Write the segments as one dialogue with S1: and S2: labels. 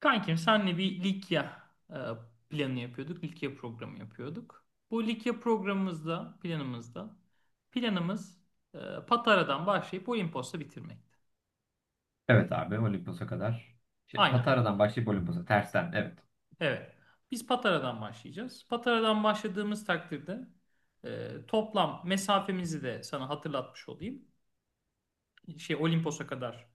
S1: Kankim, senle bir Likya planı yapıyorduk. Likya programı yapıyorduk. Bu Likya programımızda, planımızda, planımız e, Patara'dan başlayıp Olimpos'ta bitirmekti.
S2: Evet abi Olimpos'a kadar. Şey,
S1: Aynen.
S2: Patara'dan başlayıp Olimpos'a tersten evet.
S1: Evet. Biz Patara'dan başlayacağız. Patara'dan başladığımız takdirde toplam mesafemizi de sana hatırlatmış olayım. Şey Olimpos'a kadar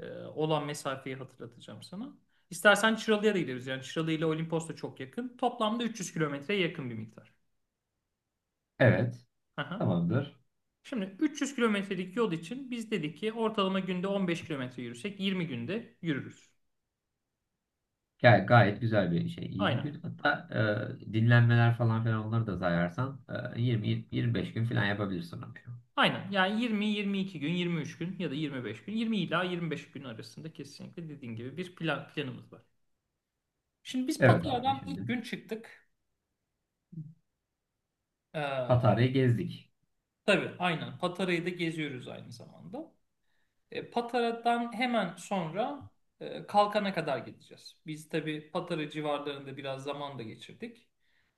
S1: olan mesafeyi hatırlatacağım sana. İstersen Çıralı'ya da gideriz. Yani Çıralı ile Olimpos da çok yakın. Toplamda 300 kilometreye yakın bir miktar.
S2: Evet
S1: Aha.
S2: tamamdır.
S1: Şimdi 300 kilometrelik yol için biz dedik ki ortalama günde 15 kilometre yürüsek 20 günde yürürüz.
S2: Gayet güzel bir şey. 20
S1: Aynen.
S2: gün hatta dinlenmeler falan filan onları da sayarsan 20-25 gün falan yapabilirsin onu.
S1: Aynen. Yani 20-22 gün, 23 gün ya da 25 gün, 20 ila 25 gün arasında kesinlikle dediğin gibi bir plan, planımız var. Şimdi biz
S2: Evet abi
S1: Patara'dan ilk
S2: şimdi
S1: gün çıktık. Ee,
S2: Patara'yı gezdik.
S1: tabii, aynen. Patara'yı da geziyoruz aynı zamanda. Patara'dan hemen sonra Kalkan'a kadar gideceğiz. Biz tabii Patara civarlarında biraz zaman da geçirdik.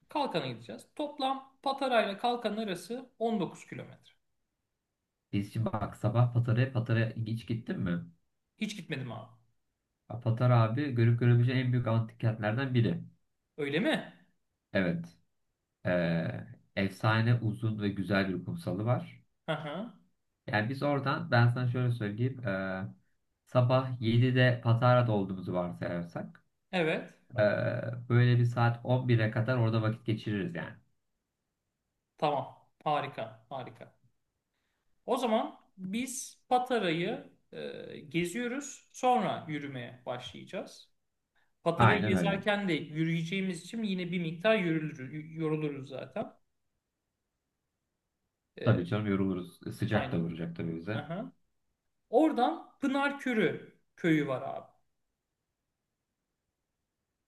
S1: Kalkan'a gideceğiz. Toplam Patara ile Kalkan arası 19 kilometre.
S2: Biz şimdi bak sabah Patara'ya hiç gittin mi?
S1: Hiç gitmedim abi.
S2: Ya Patara abi görüp görebileceğin en büyük antik kentlerden biri.
S1: Öyle mi?
S2: Evet. E, Efsane uzun ve güzel bir kumsalı var.
S1: Hı hı.
S2: Yani biz oradan ben sana şöyle söyleyeyim. Sabah 7'de Patara'da olduğumuzu varsayarsak
S1: Evet.
S2: ee, böyle bir saat 11'e kadar orada vakit geçiririz yani.
S1: Tamam. Harika. Harika. O zaman biz Patara'yı geziyoruz. Sonra yürümeye başlayacağız. Patara'yı
S2: Aynen öyle.
S1: gezerken de yürüyeceğimiz için yine bir miktar yürülür, yoruluruz zaten. E,
S2: Tabii canım yoruluruz. Sıcak da
S1: aynen.
S2: vuracak tabii
S1: Hı
S2: bize.
S1: hı. Oradan Pınarkörü köyü var abi.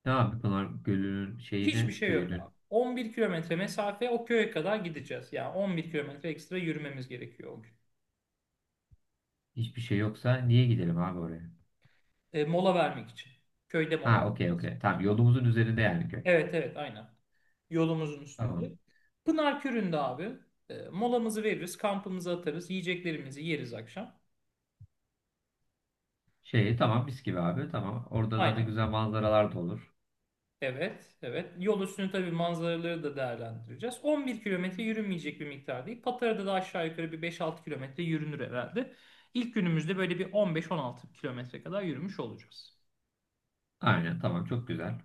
S2: Ne abi Pınar Gölü'nün
S1: Hiçbir
S2: şeyine,
S1: şey yok
S2: köyünün
S1: abi. 11 kilometre mesafe o köye kadar gideceğiz. Yani 11 kilometre ekstra yürümemiz gerekiyor o gün.
S2: hiçbir şey yoksa niye gidelim abi oraya?
S1: Mola vermek için. Köyde mola
S2: Ha, okey,
S1: vereceğiz.
S2: okey. Tamam
S1: Aha.
S2: yolumuzun üzerinde yani köy.
S1: Evet, evet, aynen. Yolumuzun üstünde.
S2: Tamam.
S1: Pınar Kürü'nde abi, molamızı veririz, kampımızı atarız, yiyeceklerimizi yeriz akşam.
S2: Şey tamam mis gibi abi tamam. Orada zaten
S1: Aynen.
S2: güzel manzaralar da olur.
S1: Evet, evet. Yol üstünü tabii manzaraları da değerlendireceğiz. 11 kilometre yürünmeyecek bir miktar değil. Patara'da da aşağı yukarı bir 5-6 kilometre yürünür herhalde. İlk günümüzde böyle bir 15-16 kilometre kadar yürümüş olacağız.
S2: Aynen tamam çok güzel.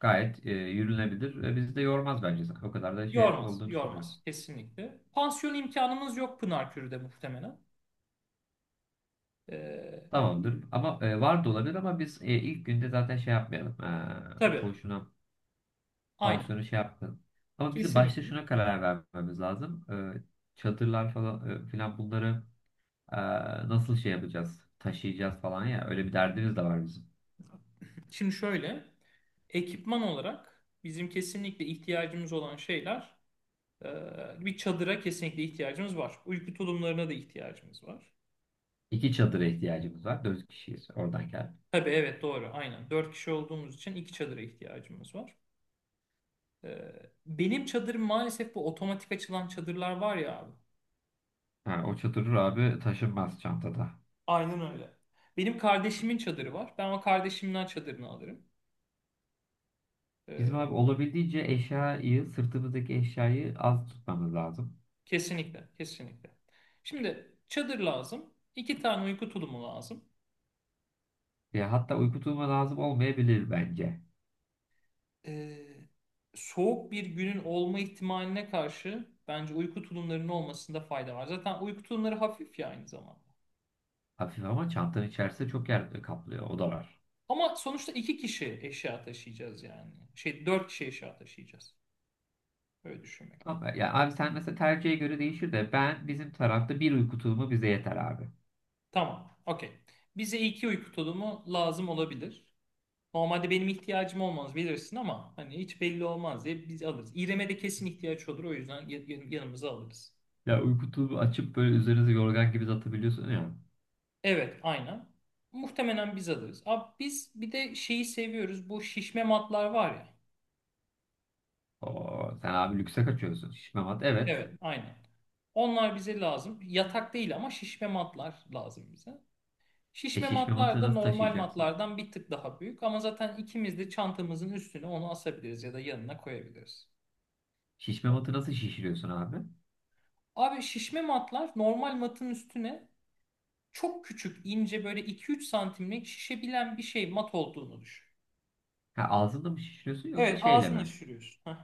S2: Gayet yürünebilir ve bizi de yormaz bence. O kadar da şey
S1: Yormaz,
S2: olduğunu düşünmüyorum.
S1: yormaz kesinlikle. Pansiyon imkanımız yok Pınarkürü'de muhtemelen. Ee,
S2: Tamamdır. Ama var da olabilir ama biz ilk günde zaten şey yapmayalım.
S1: tabii,
S2: Boşuna
S1: aynen.
S2: pansiyonu şey yapmayalım. Ama bizi başta
S1: Kesinlikle.
S2: şuna karar vermemiz lazım. E, Çadırlar falan filan bunları e, nasıl şey yapacağız? Taşıyacağız falan ya. Öyle bir derdimiz de var bizim.
S1: Şimdi şöyle, ekipman olarak bizim kesinlikle ihtiyacımız olan şeyler... Ee, Bir çadıra kesinlikle ihtiyacımız var. Uyku tulumlarına da ihtiyacımız var.
S2: İki çadıra ihtiyacımız var. Dört kişiyiz oradan gel.
S1: Tabii, evet, doğru, aynen. Dört kişi olduğumuz için iki çadıra ihtiyacımız var. Ee, Benim çadırım maalesef, bu otomatik açılan çadırlar var ya abi.
S2: Ha, o çadır abi taşınmaz çantada.
S1: Aynen öyle. Benim kardeşimin çadırı var. Ben o kardeşimden çadırını alırım.
S2: Bizim
S1: Ee,
S2: abi olabildiğince eşyayı, sırtımızdaki eşyayı az tutmamız lazım.
S1: Kesinlikle, kesinlikle. Şimdi çadır lazım. İki tane uyku tulumu lazım.
S2: Ya hatta uyku tulumu lazım olmayabilir bence.
S1: e, Soğuk bir günün olma ihtimaline karşı bence uyku tulumlarının olmasında fayda var. Zaten uyku tulumları hafif ya aynı zamanda.
S2: Hafif ama çantanın içerisinde çok yer kaplıyor. O da var.
S1: Ama sonuçta iki kişi eşya taşıyacağız yani. Şey, dört kişi eşya taşıyacağız. Öyle düşünmek lazım.
S2: Ama ya abi sen mesela tercihe göre değişir de ben bizim tarafta bir uyku tulumu bize yeter abi.
S1: Tamam. Okey. Bize iki uyku tulumu lazım olabilir. Normalde benim ihtiyacım olmaz bilirsin ama hani hiç belli olmaz diye biz alırız. İrem'e de kesin ihtiyaç olur o yüzden yanımıza alırız.
S2: Ya uyku tulumu açıp böyle üzerinize yorgan gibi atabiliyorsun ya.
S1: Evet, aynen. Muhtemelen biz alırız. Abi biz bir de şeyi seviyoruz. Bu şişme matlar var ya.
S2: Oo, sen abi lükse kaçıyorsun. Şişme mat evet.
S1: Evet, aynen. Onlar bize lazım. Yatak değil ama şişme matlar lazım bize.
S2: E
S1: Şişme
S2: şişme
S1: matlar
S2: matı
S1: da
S2: nasıl
S1: normal
S2: taşıyacaksın?
S1: matlardan bir tık daha büyük ama zaten ikimiz de çantamızın üstüne onu asabiliriz ya da yanına koyabiliriz.
S2: Şişme matı nasıl şişiriyorsun abi?
S1: Abi şişme matlar normal matın üstüne çok küçük, ince, böyle 2-3 santimlik şişebilen bir şey mat olduğunu düşün.
S2: Ha, ağzında mı şişiriyorsun yoksa
S1: Evet,
S2: şeyle
S1: ağzını
S2: mi?
S1: şişiriyorsun.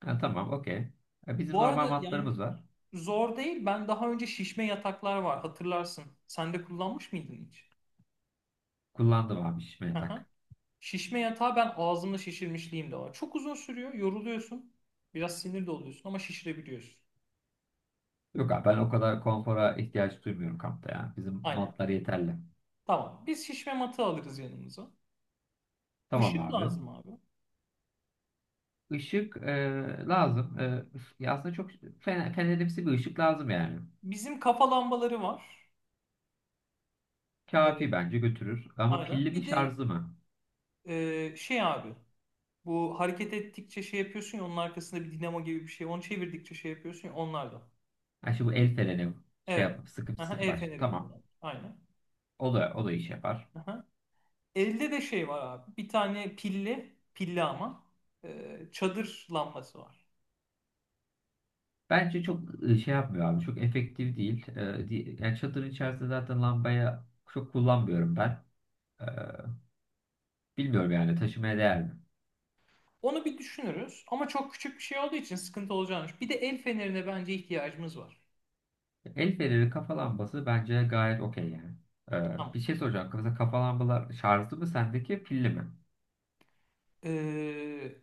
S2: Ha, tamam okey. Bizim
S1: Bu
S2: normal
S1: arada
S2: matlarımız
S1: yani
S2: var.
S1: zor değil. Ben daha önce şişme yataklar var hatırlarsın. Sen de kullanmış mıydın hiç?
S2: Kullandım abi şişmeye
S1: Aha.
S2: tak.
S1: Şişme yatağı ben ağzımla şişirmişliğim de var. Çok uzun sürüyor, yoruluyorsun. Biraz sinir de oluyorsun ama şişirebiliyorsun.
S2: Yok abi ben o kadar konfora ihtiyaç duymuyorum kampta ya. Bizim
S1: Aynen.
S2: matlar yeterli.
S1: Tamam. Biz şişme matı alırız yanımıza.
S2: Tamam
S1: Işık
S2: abi.
S1: lazım abi.
S2: Işık lazım. Üf, ya aslında çok fenerimsi bir ışık lazım yani.
S1: Bizim kafa lambaları var. Ee,
S2: Kafi bence götürür. Ama pilli
S1: aynen.
S2: mi
S1: Bir de
S2: şarjlı mı?
S1: şey abi, bu hareket ettikçe şey yapıyorsun ya, onun arkasında bir dinamo gibi bir şey. Onu çevirdikçe şey yapıyorsun ya, onlar da.
S2: Ha şimdi bu el freni şey
S1: Evet.
S2: yapıp sıkıp
S1: Aha,
S2: sıkıp
S1: el
S2: aç.
S1: feneri gibi
S2: Tamam.
S1: olan. Aynen.
S2: O da iş yapar.
S1: Aha. Elde de şey var abi. Bir tane pilli, pilli ama çadır lambası var.
S2: Bence çok şey yapmıyor abi. Çok efektif değil. Yani çadırın içerisinde zaten lambaya çok kullanmıyorum ben. E, Bilmiyorum yani taşımaya değer mi?
S1: Onu bir düşünürüz ama çok küçük bir şey olduğu için sıkıntı olacağını. Bir de el fenerine bence ihtiyacımız var.
S2: El feneri kafa lambası bence gayet okey yani. Ee,
S1: Tamam.
S2: bir şey soracağım. Mesela kafa lambalar şarjlı mı sendeki pilli mi?
S1: Ee,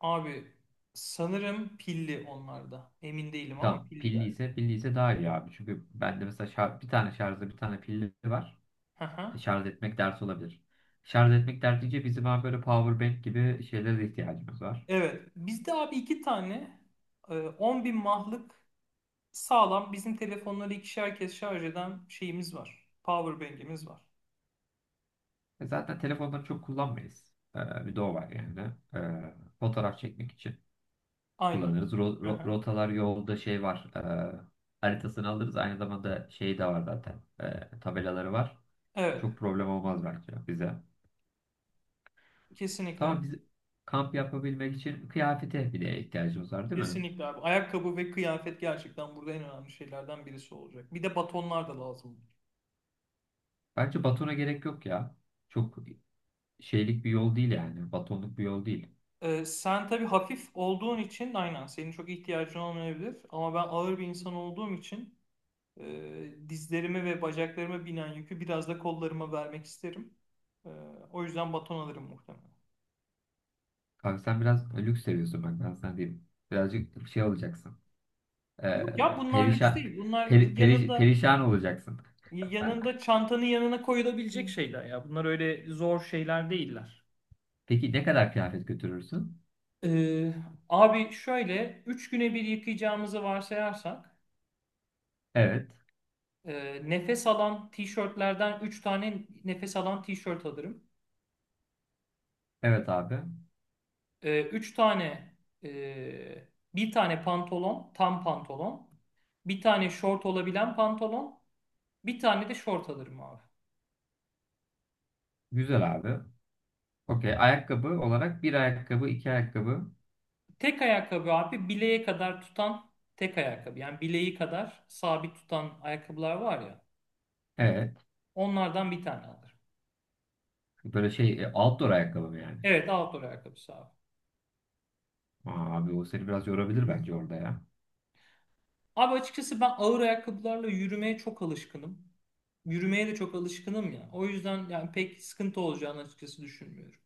S1: Abi, sanırım pilli onlarda. Emin değilim ama
S2: Tamam.
S1: pilli
S2: Pilli
S1: galiba.
S2: ise pilli ise daha iyi abi. Çünkü bende mesela bir tane şarjlı bir tane pilli var.
S1: Aha.
S2: Şarj etmek dert olabilir. Şarj etmek dert deyince bizim abi böyle power bank gibi şeylere de ihtiyacımız var.
S1: Evet. Bizde abi iki tane 10 bin mahlık sağlam bizim telefonları ikişer kez şarj eden şeyimiz var. Power bank'imiz var.
S2: Zaten telefonları çok kullanmayız. Bir de o var yani. Fotoğraf çekmek için
S1: Aynen.
S2: kullanırız. Ro- ro-
S1: Aha.
S2: rotalar yolda şey var. Haritasını alırız. Aynı zamanda şey de var zaten. Tabelaları var.
S1: Evet.
S2: Çok problem olmaz bence bize.
S1: Kesinlikle.
S2: Tamam biz kamp yapabilmek için kıyafete bir de ihtiyacımız var değil mi?
S1: Kesinlikle abi. Ayakkabı ve kıyafet gerçekten burada en önemli şeylerden birisi olacak. Bir de batonlar da lazım.
S2: Bence batona gerek yok ya. Çok şeylik bir yol değil yani. Batonluk bir yol değil.
S1: Sen tabii hafif olduğun için aynen senin çok ihtiyacın olmayabilir. Ama ben ağır bir insan olduğum için dizlerime ve bacaklarıma binen yükü biraz da kollarıma vermek isterim. Ee, O yüzden baton alırım muhtemelen.
S2: Kanka sen biraz lüks seviyorsun bak ben sana diyeyim. Birazcık şey olacaksın. E,
S1: Yok ya, bunlar lüks
S2: perişan
S1: değil. Bunlar
S2: peri- peri-
S1: yanında...
S2: perişan olacaksın.
S1: Yanında, çantanın yanına koyulabilecek
S2: Hmm.
S1: şeyler ya. Bunlar öyle zor şeyler değiller.
S2: Peki ne kadar kıyafet götürürsün?
S1: Ee, Abi şöyle, 3 güne bir yıkayacağımızı varsayarsak
S2: Evet.
S1: nefes alan tişörtlerden 3 tane nefes alan tişört alırım.
S2: Evet abi.
S1: E, 3 tane e, Bir tane pantolon, tam pantolon. Bir tane şort olabilen pantolon. Bir tane de şort alırım abi.
S2: Güzel abi. Okey. Ayakkabı olarak bir ayakkabı, iki ayakkabı.
S1: Tek ayakkabı abi, bileğe kadar tutan tek ayakkabı. Yani bileği kadar sabit tutan ayakkabılar var ya.
S2: Evet.
S1: Onlardan bir tane alırım.
S2: Böyle şey outdoor ayakkabı mı yani?
S1: Evet, outdoor ayakkabısı abi.
S2: Aa, abi o seni biraz yorabilir bence orada ya.
S1: Abi açıkçası ben ağır ayakkabılarla yürümeye çok alışkınım. Yürümeye de çok alışkınım ya. O yüzden yani pek sıkıntı olacağını açıkçası düşünmüyorum.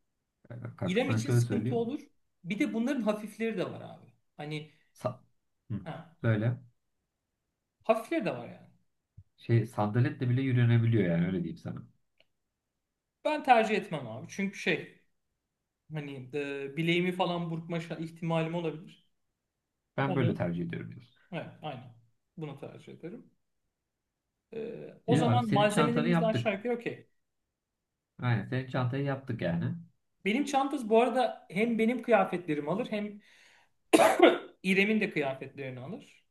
S2: Kanka
S1: İrem
S2: sana
S1: için
S2: şöyle
S1: sıkıntı
S2: söyleyeyim.
S1: olur. Bir de bunların hafifleri de var abi. Hani,
S2: Sa Hı.
S1: ha,
S2: Böyle
S1: hafifleri de var yani.
S2: şey sandaletle bile yürünebiliyor yani öyle diyeyim sana.
S1: Ben tercih etmem abi. Çünkü şey, hani bileğimi falan burkma ihtimalim olabilir.
S2: Ben
S1: Onu,
S2: böyle tercih ediyorum diyorsun.
S1: evet, aynen. Bunu tercih ederim. E, O
S2: İyi abi
S1: zaman
S2: senin çantanı
S1: malzemelerimiz de aşağı
S2: yaptık.
S1: yukarı okey.
S2: Aynen senin çantayı yaptık yani.
S1: Benim çantası bu arada hem benim kıyafetlerimi alır hem İrem'in de kıyafetlerini alır.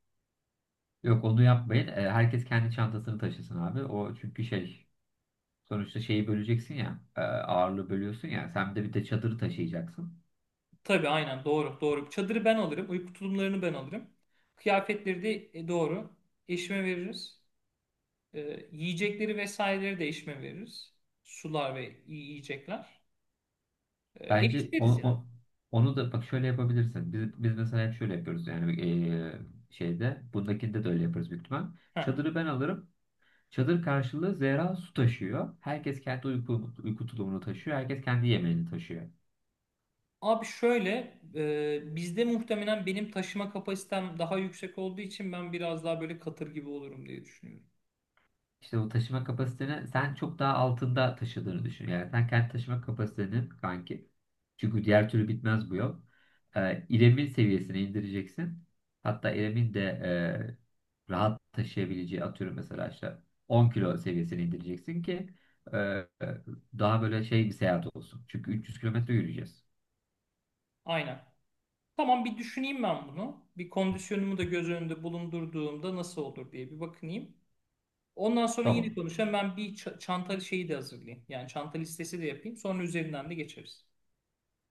S2: Yok onu yapmayın. Herkes kendi çantasını taşısın abi. O çünkü şey. Sonuçta şeyi böleceksin ya, ağırlığı bölüyorsun ya. Sen de bir de çadırı taşıyacaksın.
S1: Tabii, aynen, doğru, doğru. Çadırı ben alırım. Uyku tulumlarını ben alırım. Kıyafetleri de doğru. Eşime veririz. E, Yiyecekleri vesaireleri de eşime veririz. Sular ve yiyecekler.
S2: Bence
S1: Eşleriz yani.
S2: onu da bak şöyle yapabilirsin. Biz mesela hep şöyle yapıyoruz yani şeyde, bundakinde de öyle yaparız büyük ihtimal.
S1: Heh.
S2: Çadırı ben alırım. Çadır karşılığı Zehra su taşıyor. Herkes kendi uyku tulumunu taşıyor. Herkes kendi yemeğini taşıyor.
S1: Abi şöyle, bizde muhtemelen benim taşıma kapasitem daha yüksek olduğu için ben biraz daha böyle katır gibi olurum diye düşünüyorum.
S2: İşte o taşıma kapasiteni sen çok daha altında taşıdığını düşün. Yani sen kendi taşıma kapasiteni kanki. Çünkü diğer türlü bitmez bu yol. İrem'in seviyesine indireceksin. Hatta İrem'in de rahat taşıyabileceği atıyorum mesela işte 10 kilo seviyesine indireceksin ki e, e, daha böyle şey bir seyahat olsun. Çünkü 300 kilometre yürüyeceğiz.
S1: Aynen. Tamam, bir düşüneyim ben bunu. Bir kondisyonumu da göz önünde bulundurduğumda nasıl olur diye bir bakınayım. Ondan sonra yine
S2: Tamam.
S1: konuşalım. Ben bir çanta şeyi de hazırlayayım. Yani çanta listesi de yapayım. Sonra üzerinden de geçeriz.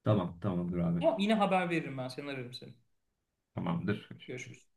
S2: Tamam. Tamamdır abi.
S1: Tamam, yine haber veririm ben. Seni ararım seni.
S2: Tamamdır.
S1: Görüşürüz.